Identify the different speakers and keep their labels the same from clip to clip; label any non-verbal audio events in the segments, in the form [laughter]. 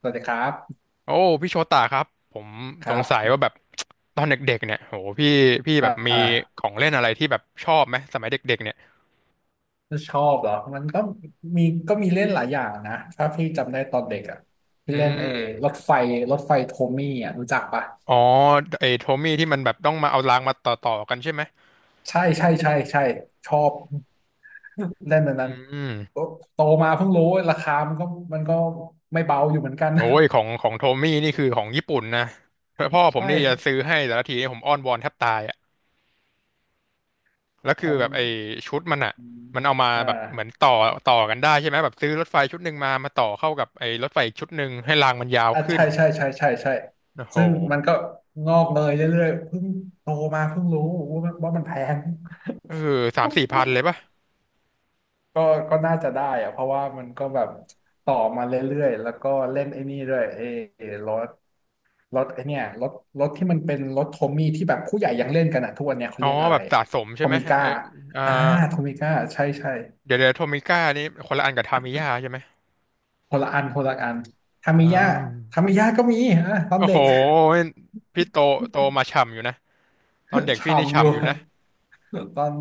Speaker 1: สวัสดีครับ
Speaker 2: โอ้พี่โชตาครับผม
Speaker 1: ค
Speaker 2: ส
Speaker 1: รั
Speaker 2: งสัย
Speaker 1: บ
Speaker 2: ว่าแบบ [tsk] ตอนเด็กๆเนี่ยโหพี่พี่
Speaker 1: อ
Speaker 2: แบบมี
Speaker 1: ่า
Speaker 2: ของเล่นอะไรที่แบบชอบไหมสมัยเด็กๆเนี่ย
Speaker 1: ชอบเหรอมันก็มีเล่นหลายอย่างนะถ้าพี่จำได้ตอนเด็กอ่ะพี่
Speaker 2: อื
Speaker 1: เล่น
Speaker 2: ม
Speaker 1: รถไฟโทมี่อ่ะรู้จักปะ
Speaker 2: อ๋อไอ้โทมี่ที่มันแบบต้องมาเอารางมาต่อกันใช่ไหม
Speaker 1: ใช่ใช่ใช่ใช่ชอบเล่นอัน
Speaker 2: อื
Speaker 1: นั้น
Speaker 2: ม
Speaker 1: โตมาเพิ่งรู้ว่าราคามันก็ไม่เบาอยู่เหมือนกัน [laughs]
Speaker 2: โอ้ยของโทมี่นี่คือของญี่ปุ่นนะพ่อผม
Speaker 1: ใช่
Speaker 2: นี่จะซื้อให้แต่ละทีนี่ผมอ้อนวอนแทบตายอ่ะแล้วคือแบบ
Speaker 1: อืม
Speaker 2: ไอ้ชุดมันอ่ะ
Speaker 1: อม
Speaker 2: มันเอามา
Speaker 1: อ่า
Speaker 2: แบบเหมือนต่อกันได้ใช่ไหมแบบซื้อรถไฟชุดหนึ่งมาต่อเข้ากับไอ้รถไฟอีกชุดหนึ่งให้รางมันยาว
Speaker 1: อ่ะ
Speaker 2: ขึ้
Speaker 1: ใช่
Speaker 2: น
Speaker 1: ใช่ใช่ใช่ใช่
Speaker 2: โอ้โห
Speaker 1: ซึ่งมันก็งอกเงยเรื่อยๆเพิ่งโตมาเพิ่งรู้ว่ามันแพง
Speaker 2: เออสามสี่พันเลยป่ะ
Speaker 1: ก็ก็น่าจะได้อะเพราะว่ามันก็แบบต่อมาเรื่อยๆแล้วก็เล่นไอ้นี่ด้วยเอรถรถไอ้เนี่ยรถรถที่มันเป็นรถโทมี่ที่แบบผู้ใหญ่ยังเล่นกันอะทุกวันเนี้ยเขา
Speaker 2: อ๋อ
Speaker 1: เรียกอะ
Speaker 2: แบ
Speaker 1: ไร
Speaker 2: บสะสม
Speaker 1: โท
Speaker 2: ใช่ไหม
Speaker 1: มิก้า
Speaker 2: เอออ่า
Speaker 1: อ่าโทมิก้าใช่ใช่
Speaker 2: เดี๋ยวเดี๋ยวโทมิก้านี่คนละอันกับทามิยาใช่ไหม
Speaker 1: คนละอันคนละอันทามิ
Speaker 2: อ่
Speaker 1: ยะ
Speaker 2: า
Speaker 1: ทามิยะก็มีอ่ะตอน
Speaker 2: โอ้
Speaker 1: เด็
Speaker 2: โห
Speaker 1: ก
Speaker 2: พี่โตมาฉ่ำอยู่นะตอนเด็
Speaker 1: [laughs]
Speaker 2: กพี่นี่
Speaker 1: ฉ่ำอยู่
Speaker 2: ฉ่ำอยู่นะ
Speaker 1: ตอน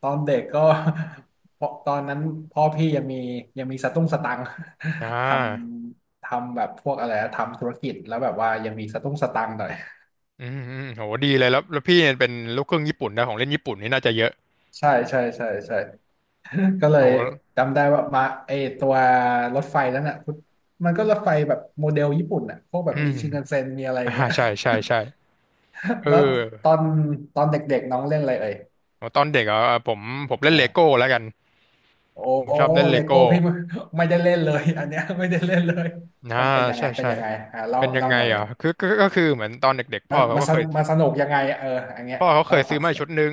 Speaker 1: ตอนเด็กก็ [laughs] เพราะตอนนั้นพ่อพี่ยังมียังมีสตุ้งสตังค์
Speaker 2: อ่
Speaker 1: [laughs] ท
Speaker 2: า
Speaker 1: ทำแบบพวกอะไรนะทำธุรกิจแล้วแบบว่ายังมีสตุ้งสตังค์หน่อย
Speaker 2: อืมอืมโหดีเลยแล้วพี่เนี่ยเป็นลูกครึ่งญี่ปุ่นนะของเล่นญี่ปุ่นนี่น่าจะเยอะ
Speaker 1: [laughs] ใช่ใช่ใช่ใช่ [laughs] ก็เล
Speaker 2: โห
Speaker 1: ยจำได้ว่ามาไอตัวรถไฟนั้นอ่ะมันก็รถไฟแบบโมเดลญี่ปุ่นอ่ะพวกแบ
Speaker 2: อื
Speaker 1: บมี
Speaker 2: ม
Speaker 1: ชินคันเซ็นมีอะไรอ
Speaker 2: อ่า
Speaker 1: ย่างเงี้ย
Speaker 2: ใช่ใช่ใช่เอ
Speaker 1: [laughs]
Speaker 2: อ
Speaker 1: แล้วตอนตอนเด็กๆน้องเล่นอะไรเอ่ย
Speaker 2: โหตอนเด็กอ่ะผมผมเล่นเลโก้แล้วกัน
Speaker 1: โอ้
Speaker 2: ผมชอบเล่นเล
Speaker 1: เลโก้
Speaker 2: โก้
Speaker 1: พี่ไม่ไม่ได้เล่นเลยอันเนี้ยไม่ได้เล่นเลย
Speaker 2: นะ
Speaker 1: มันเป็นยังไง
Speaker 2: ใช่
Speaker 1: เป็น
Speaker 2: ใช่
Speaker 1: ยังไงอ่าเล่า
Speaker 2: เป็นยัง
Speaker 1: เล่า
Speaker 2: ไง
Speaker 1: มาเลย
Speaker 2: อ่ะคือก็คือเหมือนตอนเด็กๆพ่
Speaker 1: มั
Speaker 2: อ
Speaker 1: น
Speaker 2: เขา
Speaker 1: มา
Speaker 2: ก็
Speaker 1: ส
Speaker 2: เค
Speaker 1: น
Speaker 2: ย
Speaker 1: สนุกยังไงเอออันเนี้ย
Speaker 2: พ่อเขาเค
Speaker 1: เล่า
Speaker 2: ย
Speaker 1: ค
Speaker 2: ซื้
Speaker 1: วา
Speaker 2: อ
Speaker 1: มส
Speaker 2: มา
Speaker 1: นุ
Speaker 2: ชุ
Speaker 1: ก
Speaker 2: ดหนึ่ง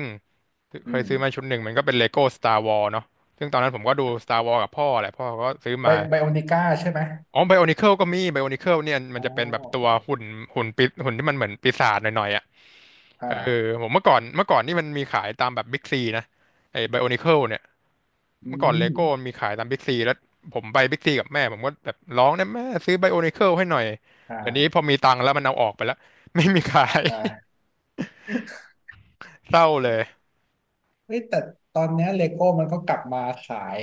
Speaker 1: อื
Speaker 2: เคยซื้อมา
Speaker 1: ม
Speaker 2: ชุดหนึ่งมันก็เป็นเลโก้ Star Wars เนาะซึ่งตอนนั้นผมก็ดู Star Wars กับพ่อแหละพ่อก็ซื้อ
Speaker 1: ไบ
Speaker 2: มา
Speaker 1: ไบโอนิก้าใช่ไหม
Speaker 2: อ๋อไบโอนิเคิลก็มีไบโอนิเคิลเนี่ยมั
Speaker 1: อ๋
Speaker 2: น
Speaker 1: อ
Speaker 2: จะเป็นแบบตัว
Speaker 1: อ๋อ
Speaker 2: หุ่นหุ่นปีหุ่นที่มันเหมือนปีศาจหน่อยๆอ่ะเออ
Speaker 1: อ่า
Speaker 2: ผมเมื่อก่อนนี่มันมีขายตามแบบบิ๊กซีนะไอ้ไบโอนิเคิลเนี่ย
Speaker 1: อื
Speaker 2: เมื่อก่อนเลโก้
Speaker 1: ม
Speaker 2: มีขายตามบิ๊กซีแล้วผมไปบิ๊กซีกับแม่ผมก็แบบร้องนะแม่ซื้อไบโอนิเคิลให้หน่อยเดี๋ยวนี้
Speaker 1: อ่า
Speaker 2: พอมีตังค์แล้วมันเอาออกไปแล้ว [laughs] ไม่มีขาย
Speaker 1: อ่า
Speaker 2: [laughs] เศร้าเลย
Speaker 1: เฮ้ยแต่ตอนเนี้ยเลโก้มันก็กลับมาขาย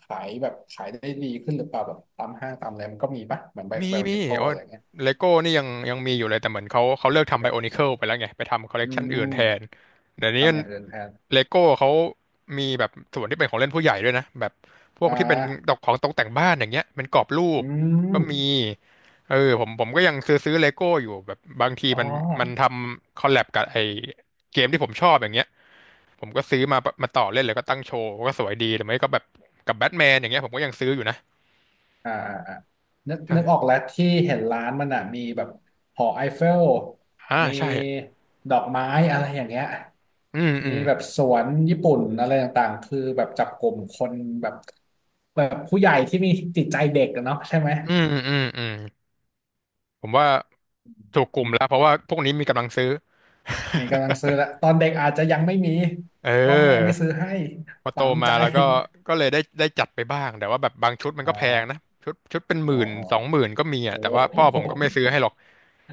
Speaker 1: ขายแบบขายได้ดีขึ้นหรือเปล่าแบบตามห้างตามอะไรมันก็มีปะเหมือนไบ
Speaker 2: มี
Speaker 1: ไบโอ
Speaker 2: มี
Speaker 1: นิโค
Speaker 2: โอ้
Speaker 1: อะไรเงี้ย
Speaker 2: เลโก้นี่ยังมีอยู่เลยแต่เหมือนเขาเลิกทำไบโอนิเคิลไปแล้วไงไปทำคอลเลก
Speaker 1: อื
Speaker 2: ชัน
Speaker 1: ม
Speaker 2: อื่นแทนเดี๋ยวนี้
Speaker 1: ทำอย่างอื่นแทน
Speaker 2: เลโก้เขามีแบบส่วนที่เป็นของเล่นผู้ใหญ่ด้วยนะแบบพวก
Speaker 1: อ่
Speaker 2: ที่เป็นต
Speaker 1: า
Speaker 2: กของตกแต่งบ้านอย่างเงี้ยเป็นกรอบรู
Speaker 1: อื
Speaker 2: ปก็มี
Speaker 1: ม
Speaker 2: เออผมก็ยังซื้อเลโก้อยู่แบบบางที
Speaker 1: อ๋อ
Speaker 2: มันทำคอลแลบกับไอเกมที่ผมชอบอย่างเงี้ยผมก็ซื้อมามาต่อเล่นเลยก็ตั้งโชว์ก็สวยดีหรือไม่ก็แบบกับแบทแมนอย่างเงี้ยผมก็ยังซื้ออยู่นะ
Speaker 1: อ่าอ่าอ่า
Speaker 2: ใช่
Speaker 1: นึกออกแล้วที่เห็นร้านมันอ่ะมีแบบหอไอเฟล
Speaker 2: อ่า
Speaker 1: มี
Speaker 2: ใช่
Speaker 1: ดอกไม้อะไรอย่างเงี้ย
Speaker 2: อืมอื
Speaker 1: มี
Speaker 2: ม
Speaker 1: แบบสวนญี่ปุ่นอะไรต่างๆคือแบบจับกลุ่มคนแบบแบบผู้ใหญ่ที่มีจิตใจเด็กอะเนาะใช่ไหม
Speaker 2: อืมอืมอืมผมว่าถูกก
Speaker 1: อื
Speaker 2: ลุ่ม
Speaker 1: ม
Speaker 2: แล้วเพราะว่าพวกนี้มีกำลังซื้อ
Speaker 1: มีกำลังซื้อแล้วตอนเด็กอาจจะยังไม่มี
Speaker 2: เ
Speaker 1: พ่อแม่ไม่
Speaker 2: ออ
Speaker 1: ซื้อให้
Speaker 2: พอโต
Speaker 1: ฝัง
Speaker 2: มา
Speaker 1: ใจ
Speaker 2: แล้วก็ก็เลยได้ได้จัดไปบ้างแต่ว่าแบบบางชุดมัน
Speaker 1: อ่
Speaker 2: ก็แพง
Speaker 1: า
Speaker 2: นะชุดเป็นห
Speaker 1: อ๋อ
Speaker 2: มื่น
Speaker 1: อ๋อ
Speaker 2: สองหมื่นก็มีอ่ะ
Speaker 1: โอ้
Speaker 2: แต่ว่าพ่อ
Speaker 1: โ
Speaker 2: ผมก็ไม่ซื้อ
Speaker 1: ห
Speaker 2: ให้หร
Speaker 1: [laughs]
Speaker 2: อก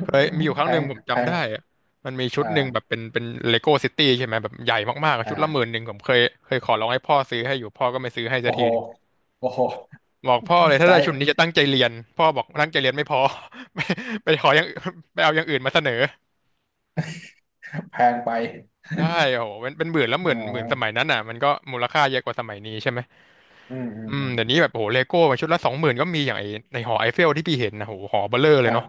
Speaker 2: เคยมีอยู่ค
Speaker 1: แพ
Speaker 2: รั้งหนึ่ง
Speaker 1: ง
Speaker 2: ผม
Speaker 1: แพ
Speaker 2: จำ
Speaker 1: ง
Speaker 2: ได้อะมันมีชุดหนึ่งแบ
Speaker 1: อ่า
Speaker 2: บเป็นเลโก้ซิตี้ใช่ไหมแบบใหญ่มากๆอะชุดละหมื่น
Speaker 1: อ่า
Speaker 2: หนึ่งผมเคยเคยขอร้องให้พ่อซื้อให้อยู่พ่อก็ไม่ซื้อให้สั
Speaker 1: โอ้
Speaker 2: กที
Speaker 1: โห
Speaker 2: หนึ่ง
Speaker 1: โอ้โห
Speaker 2: บอกพ่อเล
Speaker 1: ใ
Speaker 2: ยถ้าได้ชุด
Speaker 1: จ
Speaker 2: นี้จะตั้งใจเรียนพ่อบอกตั้งใจเรียนไม่พอ [laughs] ไปไปขออย่างอื่นไปเอาอย่างอื่นมาเสนอ
Speaker 1: แพงไป
Speaker 2: ใช่โอ้โหเป็นหมื่นแล้วห
Speaker 1: อ๋
Speaker 2: มื่นหมื่นสมัย
Speaker 1: อ
Speaker 2: นั้นอ่ะมันก็มูลค่าเยอะกว่าสมัยนี้ใช่ไหม
Speaker 1: อืมอืม
Speaker 2: อื
Speaker 1: อื
Speaker 2: ม
Speaker 1: ม
Speaker 2: เดี๋ยวนี้แบบโอ้โหเลโก้ชุดละสองหมื่นก็มีอย่างไอในหอไอเฟลที่พี่เห็นนะโอ้โหหอเบ้อเร่อเล
Speaker 1: อ่ะ
Speaker 2: ยเนาะ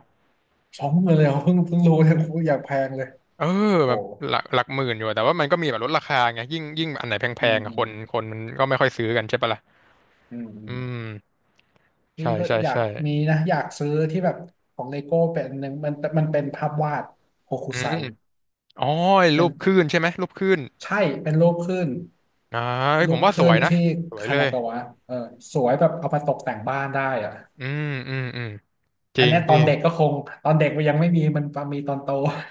Speaker 1: 20,000เลยเหรอเพิ่งรู้เนี่ยกูอยากแพงเลย
Speaker 2: เออ
Speaker 1: โอ้
Speaker 2: แบบ
Speaker 1: โห
Speaker 2: หลักหมื่นอยู่อะแต่ว่ามันก็มีแบบลดราคาไงยิ่งอันไหนแพ
Speaker 1: อืม
Speaker 2: งๆอะ
Speaker 1: อื
Speaker 2: ค
Speaker 1: ม
Speaker 2: นคนมันก็ไม่ค่อยซื้อกันใช่ปะล่ะ
Speaker 1: อืมอื
Speaker 2: อื
Speaker 1: ม
Speaker 2: ม
Speaker 1: นี่
Speaker 2: ใช่
Speaker 1: ก็
Speaker 2: ใช่
Speaker 1: อยาก
Speaker 2: ใช่
Speaker 1: มีนะอยากซื้อที่แบบของเลโก้เป็นอันหนึ่งมันเป็นภาพวาดโฮคุ
Speaker 2: อื
Speaker 1: ไซ
Speaker 2: มอ๋อไอ้
Speaker 1: เป็
Speaker 2: รู
Speaker 1: น
Speaker 2: ปคลื่นใช่ไหมรูปคลื่น
Speaker 1: ใช่เป็นรูปคลื่น
Speaker 2: อ่าเฮ้ย
Speaker 1: รู
Speaker 2: ผม
Speaker 1: ป
Speaker 2: ว่า
Speaker 1: ค
Speaker 2: ส
Speaker 1: ลื่
Speaker 2: ว
Speaker 1: น
Speaker 2: ยนะ
Speaker 1: ที่
Speaker 2: สวย
Speaker 1: คา
Speaker 2: เล
Speaker 1: นา
Speaker 2: ย
Speaker 1: กาวะเออสวยแบบเอามาตกแต่งบ้านได้อ่ะ
Speaker 2: อืมอืมอืมจ
Speaker 1: อั
Speaker 2: ริ
Speaker 1: น
Speaker 2: ง
Speaker 1: เนี้ยตอ
Speaker 2: พี่
Speaker 1: นเด็กก็คงตอนเด็กมันยังไม่มีมันมีตอนโต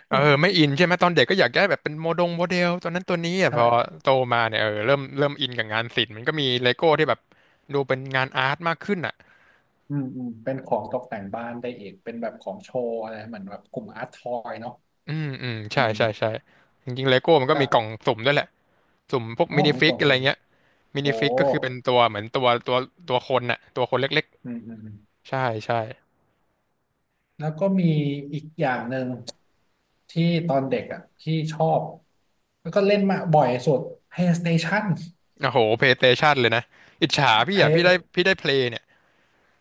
Speaker 2: เออไม่อินใช่ไหมตอนเด็กก็อยากได้แบบเป็นโมดงโมเดลตัวนั้นตัวนี้
Speaker 1: [laughs]
Speaker 2: อ่ะ
Speaker 1: ใช่
Speaker 2: พอโตมาเนี่ยเออเริ่มอินกับงานศิลป์มันก็มีเลโก้ที่แบบดูเป็นงานอาร์ตมากขึ้นอ่ะ
Speaker 1: อืมอืมเป็นของตกแต่งบ้านได้อีกเป็นแบบของโชว์อะไรเหมือนแบบกลุ่มอาร์ตทอยเนาะ
Speaker 2: อืมอืม
Speaker 1: อื
Speaker 2: ใช่
Speaker 1: ม
Speaker 2: ใช่ใช่จริงๆเลโก้มันก็
Speaker 1: กับ
Speaker 2: มีกล่องสุ่มด้วยแหละสุ่มพวก
Speaker 1: อ๋อ
Speaker 2: มินิ
Speaker 1: มี
Speaker 2: ฟิ
Speaker 1: ก
Speaker 2: ก
Speaker 1: ล่อง
Speaker 2: อะไร
Speaker 1: สุ่ม
Speaker 2: เงี้ยมิ
Speaker 1: โอ้
Speaker 2: นิฟิกก็คือเป็นตัวเหมือนตัวตัวคนน่ะตัวคนเล็ก
Speaker 1: อืมอืมอืม
Speaker 2: ๆใช่ใช่
Speaker 1: แล้วก็มีอีกอย่างหนึ่งที่ตอนเด็กอ่ะที่ชอบแล้วก็เล่นมาบ่อยสุด PlayStation
Speaker 2: โอ้โหเพลย์สเตชันเลยนะอิจฉา
Speaker 1: เพ
Speaker 2: พี่อ่ะพี่
Speaker 1: ย์
Speaker 2: ได้พี่ได้เพลย์เนี่ย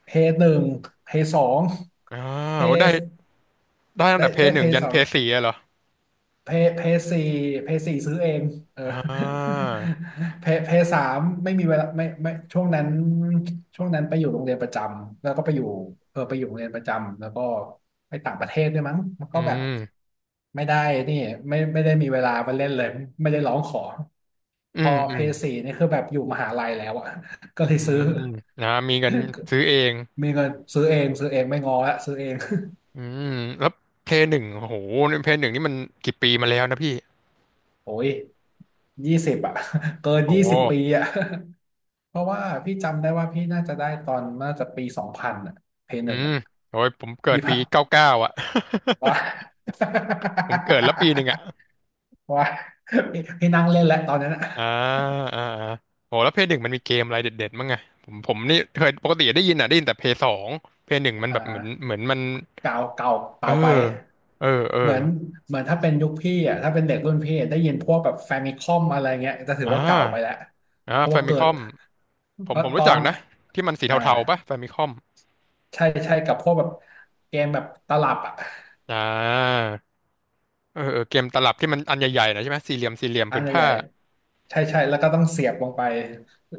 Speaker 1: เพย์หนึ่งเพย์สอง
Speaker 2: อ่า
Speaker 1: เพ
Speaker 2: โอ้ได้
Speaker 1: ย์
Speaker 2: ได้ตั้ง
Speaker 1: ได้
Speaker 2: แต่เพล
Speaker 1: ได้
Speaker 2: ย์ห
Speaker 1: เพ
Speaker 2: นึ่ง
Speaker 1: ย์
Speaker 2: ยัน
Speaker 1: สอ
Speaker 2: เพ
Speaker 1: ง
Speaker 2: ลย์สี่อะเหรอ
Speaker 1: เพเพสี่เพสี่ซื้อเองเออ
Speaker 2: อ่า
Speaker 1: [laughs] เพสามไม่มีเวลาไม่ช่วงนั้นช่วงนั้นไปอยู่โรงเรียนประจำแล้วก็ไปอยู่เออไปอยู่โรงเรียนประจำแล้วก็ไปต่างประเทศด้วยมั้งมัน
Speaker 2: อื
Speaker 1: ก็แบบ
Speaker 2: ม
Speaker 1: ไม่ได้นี่ไม่ได้มีเวลามาเล่นเลยไม่ได้ร้องขอ
Speaker 2: อื
Speaker 1: พอ
Speaker 2: มอื
Speaker 1: เพ
Speaker 2: ม
Speaker 1: สี่นี่คือแบบอยู่มหาลัยแล้วอะ [laughs] ก็เล
Speaker 2: อื
Speaker 1: ยซื้อ
Speaker 2: มนะมีกันซื้อเอง
Speaker 1: มีเงินซื้อเองซื้อเองไม่งอละซื้อเอง
Speaker 2: อืมแล้วเพลย์หนึ่งโอ้โหเพลย์หนึ่งนี่มันกี่ปีมาแล้วนะพี่
Speaker 1: [laughs] โอ้ย20อะ [laughs] เกิน
Speaker 2: โอ้
Speaker 1: ยี่
Speaker 2: โห
Speaker 1: สิบปีอะ เพราะว่าพี่จำได้ว่าพี่น่าจะได้ตอนน่าจะปี2000อ่ะเพย์ห
Speaker 2: อื
Speaker 1: นึ่ง
Speaker 2: ม
Speaker 1: อ่ะ
Speaker 2: โอ้ยผมเกิด
Speaker 1: ยี่
Speaker 2: ปี
Speaker 1: ห้า
Speaker 2: เก้าเก้าอ่ะ
Speaker 1: ว้า
Speaker 2: [laughs] ผมเกิดแล้วปีหนึ่งอ่ะ
Speaker 1: [laughs] ว้าพี่นั่งเล่นแล้วตอนนั้นอ่ะ
Speaker 2: อ่าอ่าอ่าโอ้แล้วเพย์หนึ่งมันมีเกมอะไรเด็ดๆมั้งไงผมนี่เคยปกติได้ยินอ่ะได้ยินแต่เพย์สองเพย์หนึ่งมัน
Speaker 1: อ
Speaker 2: แบบเหมือน
Speaker 1: ่า
Speaker 2: เหมือนมัน
Speaker 1: เก่าเก่า
Speaker 2: เอ
Speaker 1: เก่าไป
Speaker 2: อเออเอ
Speaker 1: เหมื
Speaker 2: อ
Speaker 1: อนเหมือนถ้าเป็นยุคพี่อ่ะถ้าเป็นเด็กรุ่นพี่ได้ยินพวกแบบแฟมิคอมอะไรเงี้ยจะถือว่า
Speaker 2: อ่า
Speaker 1: เก่าไปแล้ว
Speaker 2: อ่า
Speaker 1: เพราะ
Speaker 2: แฟ
Speaker 1: ว่า
Speaker 2: มิ
Speaker 1: เกิ
Speaker 2: ค
Speaker 1: ด
Speaker 2: อมผ
Speaker 1: เพ
Speaker 2: มผ
Speaker 1: ราะ
Speaker 2: ม
Speaker 1: ต
Speaker 2: รู้
Speaker 1: อ
Speaker 2: จัก
Speaker 1: น
Speaker 2: นะที่มันสี
Speaker 1: อ่า
Speaker 2: เทาๆปะแฟมิคอม
Speaker 1: ใช่ใช่กับพวกแบบเกมแบบตลับอ่ะ
Speaker 2: อ่า เออเออเกมตลับที่มันอันใหญ่ๆหนะใช่ไหมสี่เหลี่ยม
Speaker 1: อั
Speaker 2: ผื
Speaker 1: น
Speaker 2: น
Speaker 1: ให
Speaker 2: ผ้า
Speaker 1: ญ่ ใช่ใช่แล้วก็ต้องเสียบลงไป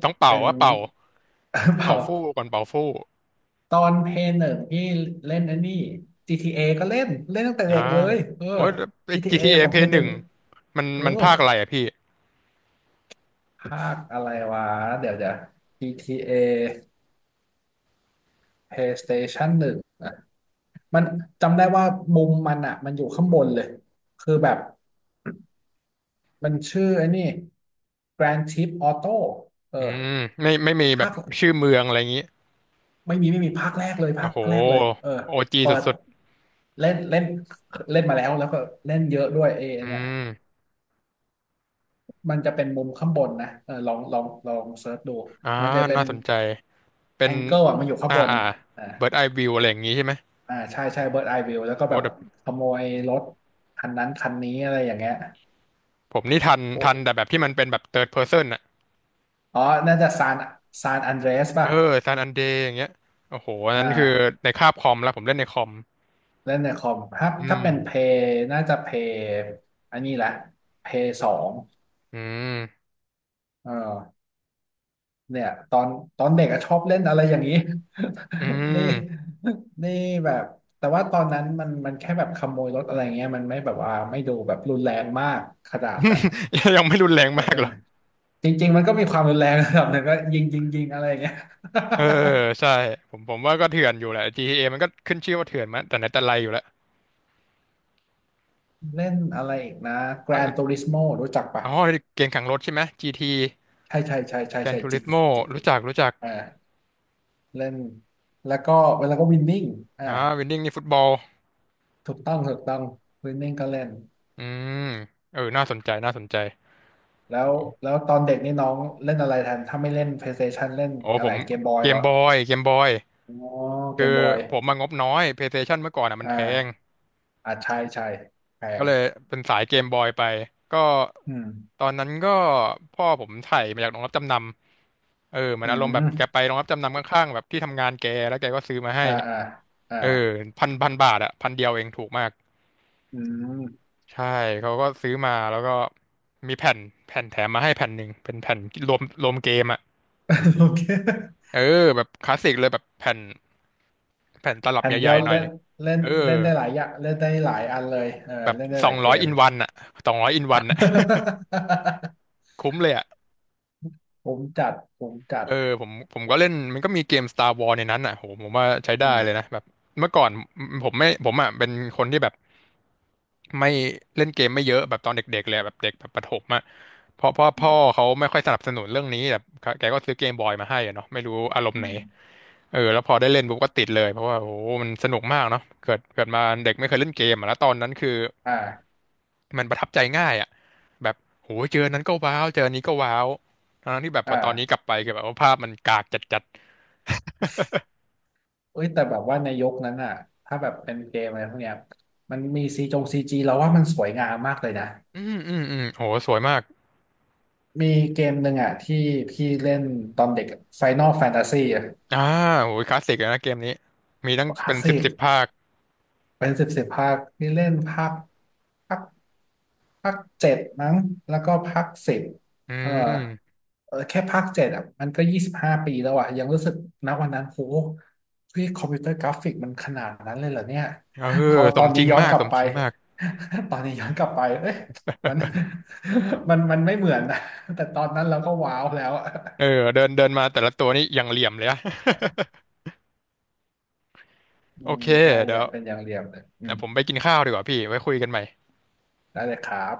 Speaker 2: ต้องเป่า
Speaker 1: เป็น
Speaker 2: ว่าเป่า
Speaker 1: [laughs] เปล่า
Speaker 2: เป่าฟู่ก่อนเป่าฟู่
Speaker 1: ตอนเพย์หนึ่งพี่เล่นไอันนี้ GTA ก็เล่นเล่นตั้งแต่
Speaker 2: นะ
Speaker 1: เด็กเลยเออ
Speaker 2: โอ้ยแล้วไอ้
Speaker 1: GTA
Speaker 2: GTA
Speaker 1: ของเพ
Speaker 2: Play
Speaker 1: ย์ห
Speaker 2: ห
Speaker 1: นึ่
Speaker 2: นึ่
Speaker 1: ง
Speaker 2: งมัน
Speaker 1: เออ
Speaker 2: มันภาคอะไรอ่ะพี่
Speaker 1: ภาคอะไรวะเดี๋ยวเดี๋ยว GTA PlayStation หนึ่งอ่ะมันจำได้ว่ามุมมันอ่ะมันอยู่ข้างบนเลยคือแบบมันชื่อไอ้นี่ Grand Theft Auto เออ
Speaker 2: อืมไม่มีแบ
Speaker 1: ภา
Speaker 2: บ
Speaker 1: ค
Speaker 2: ชื่อเมืองอะไรอย่างงี้
Speaker 1: ไม่มีภาคแรกเลยภา
Speaker 2: โอ้
Speaker 1: ค
Speaker 2: โห
Speaker 1: แรกเลยเออ
Speaker 2: โอจี
Speaker 1: เปิด
Speaker 2: สุด
Speaker 1: เล่นเล่นเล่นมาแล้วก็เล่นเยอะด้วยเอ
Speaker 2: ๆอื
Speaker 1: เนี่ย
Speaker 2: ม
Speaker 1: มันจะเป็นมุมข้างบนนะเออลองเซิร์ชดู
Speaker 2: อ่า
Speaker 1: มันจะเป็น
Speaker 2: น่าสนใจเป็
Speaker 1: แอ
Speaker 2: น
Speaker 1: งเกิลอ่ะมันอยู่ข้าง
Speaker 2: อ่า
Speaker 1: บน
Speaker 2: อ่า
Speaker 1: อ่า
Speaker 2: เบิร์ดไอวิวอะไรอย่างงี้ใช่ไหม
Speaker 1: อ่าใช่ใช่เบิร์ดไอวิวแล้วก็
Speaker 2: โอ้
Speaker 1: แบบ
Speaker 2: แต่
Speaker 1: ขโมยรถคันนั้นคันนี้อะไรอย่างเงี้ย
Speaker 2: ผมนี่ทัน
Speaker 1: โอ้
Speaker 2: ทันแต่แบบที่มันเป็นแบบเ h ิร์ดเพอร์เซนอ่ะ
Speaker 1: อ๋อน่าจะซานอันเดรส
Speaker 2: เอ
Speaker 1: ป่ะ
Speaker 2: อซานอันเดย์อย่างเงี้ยโอ้โหอัน
Speaker 1: อ่
Speaker 2: นั้นคือ
Speaker 1: า
Speaker 2: ในคาบคอมแล้วผมเล่นในคอม
Speaker 1: เล่นในคอมถ้า
Speaker 2: อื
Speaker 1: ถ้า
Speaker 2: ม
Speaker 1: เป็นเพย์น่าจะเพย์อันนี้แหละเพย์สอง
Speaker 2: อืม
Speaker 1: เออ เนี่ยตอนเด็กอะชอบเล่นอะไรอย่างนี้
Speaker 2: อื
Speaker 1: [laughs] นี่
Speaker 2: ม
Speaker 1: นี่แบบแต่ว่าตอนนั้นมันแค่แบบขโมยรถอะไรเงี้ยมันไม่แบบว่าไม่ดูแบบรุนแรงมากขนาดแบบ
Speaker 2: [laughs] ยังไม่รุนแรง
Speaker 1: เอ๊ะ
Speaker 2: มาก
Speaker 1: ทำ
Speaker 2: เหร
Speaker 1: ไม
Speaker 2: อ
Speaker 1: จริงๆมันก็มีความรุนแรง [laughs] ระดับหนึ่งก็ยิงยิงยิงอะไรอย่างเงี้ย
Speaker 2: เออใช่ผมว่าก็เถื่อนอยู่แหละ GTA มันก็ขึ้นชื่อว่าเถื่อนมาแต่ไหนแต่ไรอยู่แล้ว
Speaker 1: [laughs] เล่นอะไรอีกนะ
Speaker 2: ว่า
Speaker 1: Gran Turismo รู้จักปะ
Speaker 2: อ๋อเกมแข่งรถใช่ไหม GT
Speaker 1: ใช่ใช่ใช่ใช่
Speaker 2: Gran
Speaker 1: ใช่ g จ
Speaker 2: Turismo
Speaker 1: GT
Speaker 2: รู้จักรู้จัก
Speaker 1: อ่าเล่นแล้วก็เวลาก็วินนิ่งอ่า
Speaker 2: อ่าวินนิ่งนี่ฟุตบอล
Speaker 1: ถูกต้องถูกต้องวินนิ่งก็เล่น
Speaker 2: อืมเออน่าสนใจน่าสนใจ
Speaker 1: แล้วแล้วตอนเด็กนี่น้องเล่นอะไรแทนถ้าไม่เล่น PlayStation เล่น
Speaker 2: โอ้
Speaker 1: อะ
Speaker 2: ผ
Speaker 1: ไร
Speaker 2: ม
Speaker 1: เกมบอย
Speaker 2: เก
Speaker 1: เหร
Speaker 2: ม
Speaker 1: อ
Speaker 2: บอยเกมบอย
Speaker 1: อ๋อเก
Speaker 2: คือ
Speaker 1: มบอย
Speaker 2: ผมมางบน้อย PlayStation เมื่อก่อนอ่ะมัน
Speaker 1: อ่
Speaker 2: แพง
Speaker 1: าอ่าใช่ใช่แพ
Speaker 2: ก็
Speaker 1: ง
Speaker 2: เลยเป็นสายเกมบอยไปก็
Speaker 1: อืม
Speaker 2: ตอนนั้นก็พ่อผมไถ่มาจากโรงรับจำนำ เออเหมือน
Speaker 1: อื
Speaker 2: อารมณ์แบบแก
Speaker 1: ม
Speaker 2: ไปโรงรับจำนำข้างๆแบบที่ทำงานแกแล้วแกก็ซื้อมาให้
Speaker 1: อ่าอ่าอ่า
Speaker 2: เออพันบาทอะพันเดียวเองถูกมาก
Speaker 1: อืม
Speaker 2: ใช่เขาก็ซื้อมาแล้วก็มีแผ่นแถมมาให้แผ่นหนึ่งเป็นแผ่นรวมเกมอะ
Speaker 1: [laughs] โอเค
Speaker 2: เออแบบคลาสสิกเลยแบบแผ่นตลับ
Speaker 1: แผ่น
Speaker 2: ให
Speaker 1: เดี
Speaker 2: ญ่
Speaker 1: ยว
Speaker 2: ๆหน่อ
Speaker 1: เล่
Speaker 2: ย
Speaker 1: นเล่น
Speaker 2: เออ
Speaker 1: เล่นได้หลายอย่างเล่นได้หลายอันเลยเออ
Speaker 2: แบบ
Speaker 1: เล่นได้
Speaker 2: ส
Speaker 1: ห
Speaker 2: อ
Speaker 1: ลา
Speaker 2: ง
Speaker 1: ยเก
Speaker 2: ร้อย
Speaker 1: ม
Speaker 2: อินวันอะสองร้อยอินวันอะคุ้มเลยอะ
Speaker 1: [laughs] ผมจัดผมจัด
Speaker 2: เออผมก็เล่นมันก็มีเกม Star Wars ในนั้นอะโหผมว่าใช้
Speaker 1: อื
Speaker 2: ได้เลย
Speaker 1: ม
Speaker 2: นะแบบเมื่อก่อนผมอะเป็นคนที่แบบ ไม่เล่นเกมไม่เยอะแบบตอนเด็กๆเลยแบบเด็กแบบประถมอะเพราะพ่อ
Speaker 1: อื
Speaker 2: พ่อ
Speaker 1: ม
Speaker 2: เขาไม่ค่อยสนับสนุนเรื่องนี้แบบแกก็ซื้อเกมบอยมาให้อะเนาะไม่รู้อารมณ์
Speaker 1: อื
Speaker 2: ไหน
Speaker 1: ม
Speaker 2: เออแล้วพอได้เล่นปุ๊บก็ติดเลยเพราะว่าโอ้โหมันสนุกมากเนาะเกิดมาเด็กไม่เคยเล่นเกมอะแล้วตอนนั้นคือ
Speaker 1: อ่า
Speaker 2: มันประทับใจง่ายอะแบบโหเจอนนั้นก็ว้าวเจออันนี้ก็ว้าวทั้งที่แบบพอตอนนี้
Speaker 1: อ่า
Speaker 2: กลับไปคือแบบว่าภาพมันกากจัด
Speaker 1: เอ้ยแต่แบบว่าในยุคนั้นอ่ะถ้าแบบเป็นเกมอะไรพวกเนี้ยมันมีซีจงซีจีเราว่ามันสวยงามมากเลยนะ
Speaker 2: ๆอืมอืมอืมโหสวยมาก
Speaker 1: มีเกมหนึ่งอ่ะที่พี่เล่นตอนเด็ก Final Fantasy อะ
Speaker 2: อ่าโหคลาสสิกเลยนะเกมนี้มีตั้ง
Speaker 1: คลา
Speaker 2: เป็
Speaker 1: ส
Speaker 2: น
Speaker 1: สิ
Speaker 2: สิบ
Speaker 1: ก
Speaker 2: สิบภาค
Speaker 1: เป็นสิบสิบภาคพี่เล่นภาค ภาคเจ็ดมั้งแล้วก็ภาค 10
Speaker 2: อื
Speaker 1: เออ
Speaker 2: ม
Speaker 1: เออแค่ภาคเจ็ดอ่ะมันก็25 ปีแล้วอ่ะยังรู้สึกนะวันนั้นโหเฮ้ยคอมพิวเตอร์กราฟิกมันขนาดนั้นเลยเหรอเนี่ย
Speaker 2: เอ
Speaker 1: พ
Speaker 2: อ
Speaker 1: อ
Speaker 2: ส
Speaker 1: ตอ
Speaker 2: ม
Speaker 1: น
Speaker 2: จ
Speaker 1: นี้
Speaker 2: ริง
Speaker 1: ย้อน
Speaker 2: มา
Speaker 1: ก
Speaker 2: ก
Speaker 1: ลั
Speaker 2: ส
Speaker 1: บ
Speaker 2: ม
Speaker 1: ไป
Speaker 2: จริงมาก
Speaker 1: [laughs] ตอนนี้ย้อนกลับไปเอ้ยมัน [laughs] มันไม่เหมือนนะแต่ตอนนั้นเราก็ว้าวแล้วอะ
Speaker 2: เออเดินเดินมาแต่ละตัวนี่อย่างเหลี่ยมเลยอะ
Speaker 1: [laughs]
Speaker 2: [laughs]
Speaker 1: อื
Speaker 2: โอ
Speaker 1: ม
Speaker 2: เค
Speaker 1: ใช่อ
Speaker 2: เดี๋ย
Speaker 1: ย่า
Speaker 2: ว
Speaker 1: เป็นอย่างเรียมเลยอื
Speaker 2: เดี๋
Speaker 1: ม
Speaker 2: ยวผมไปกินข้าวดีกว่าพี่ไว้คุยกันใหม่
Speaker 1: ได้เลยครับ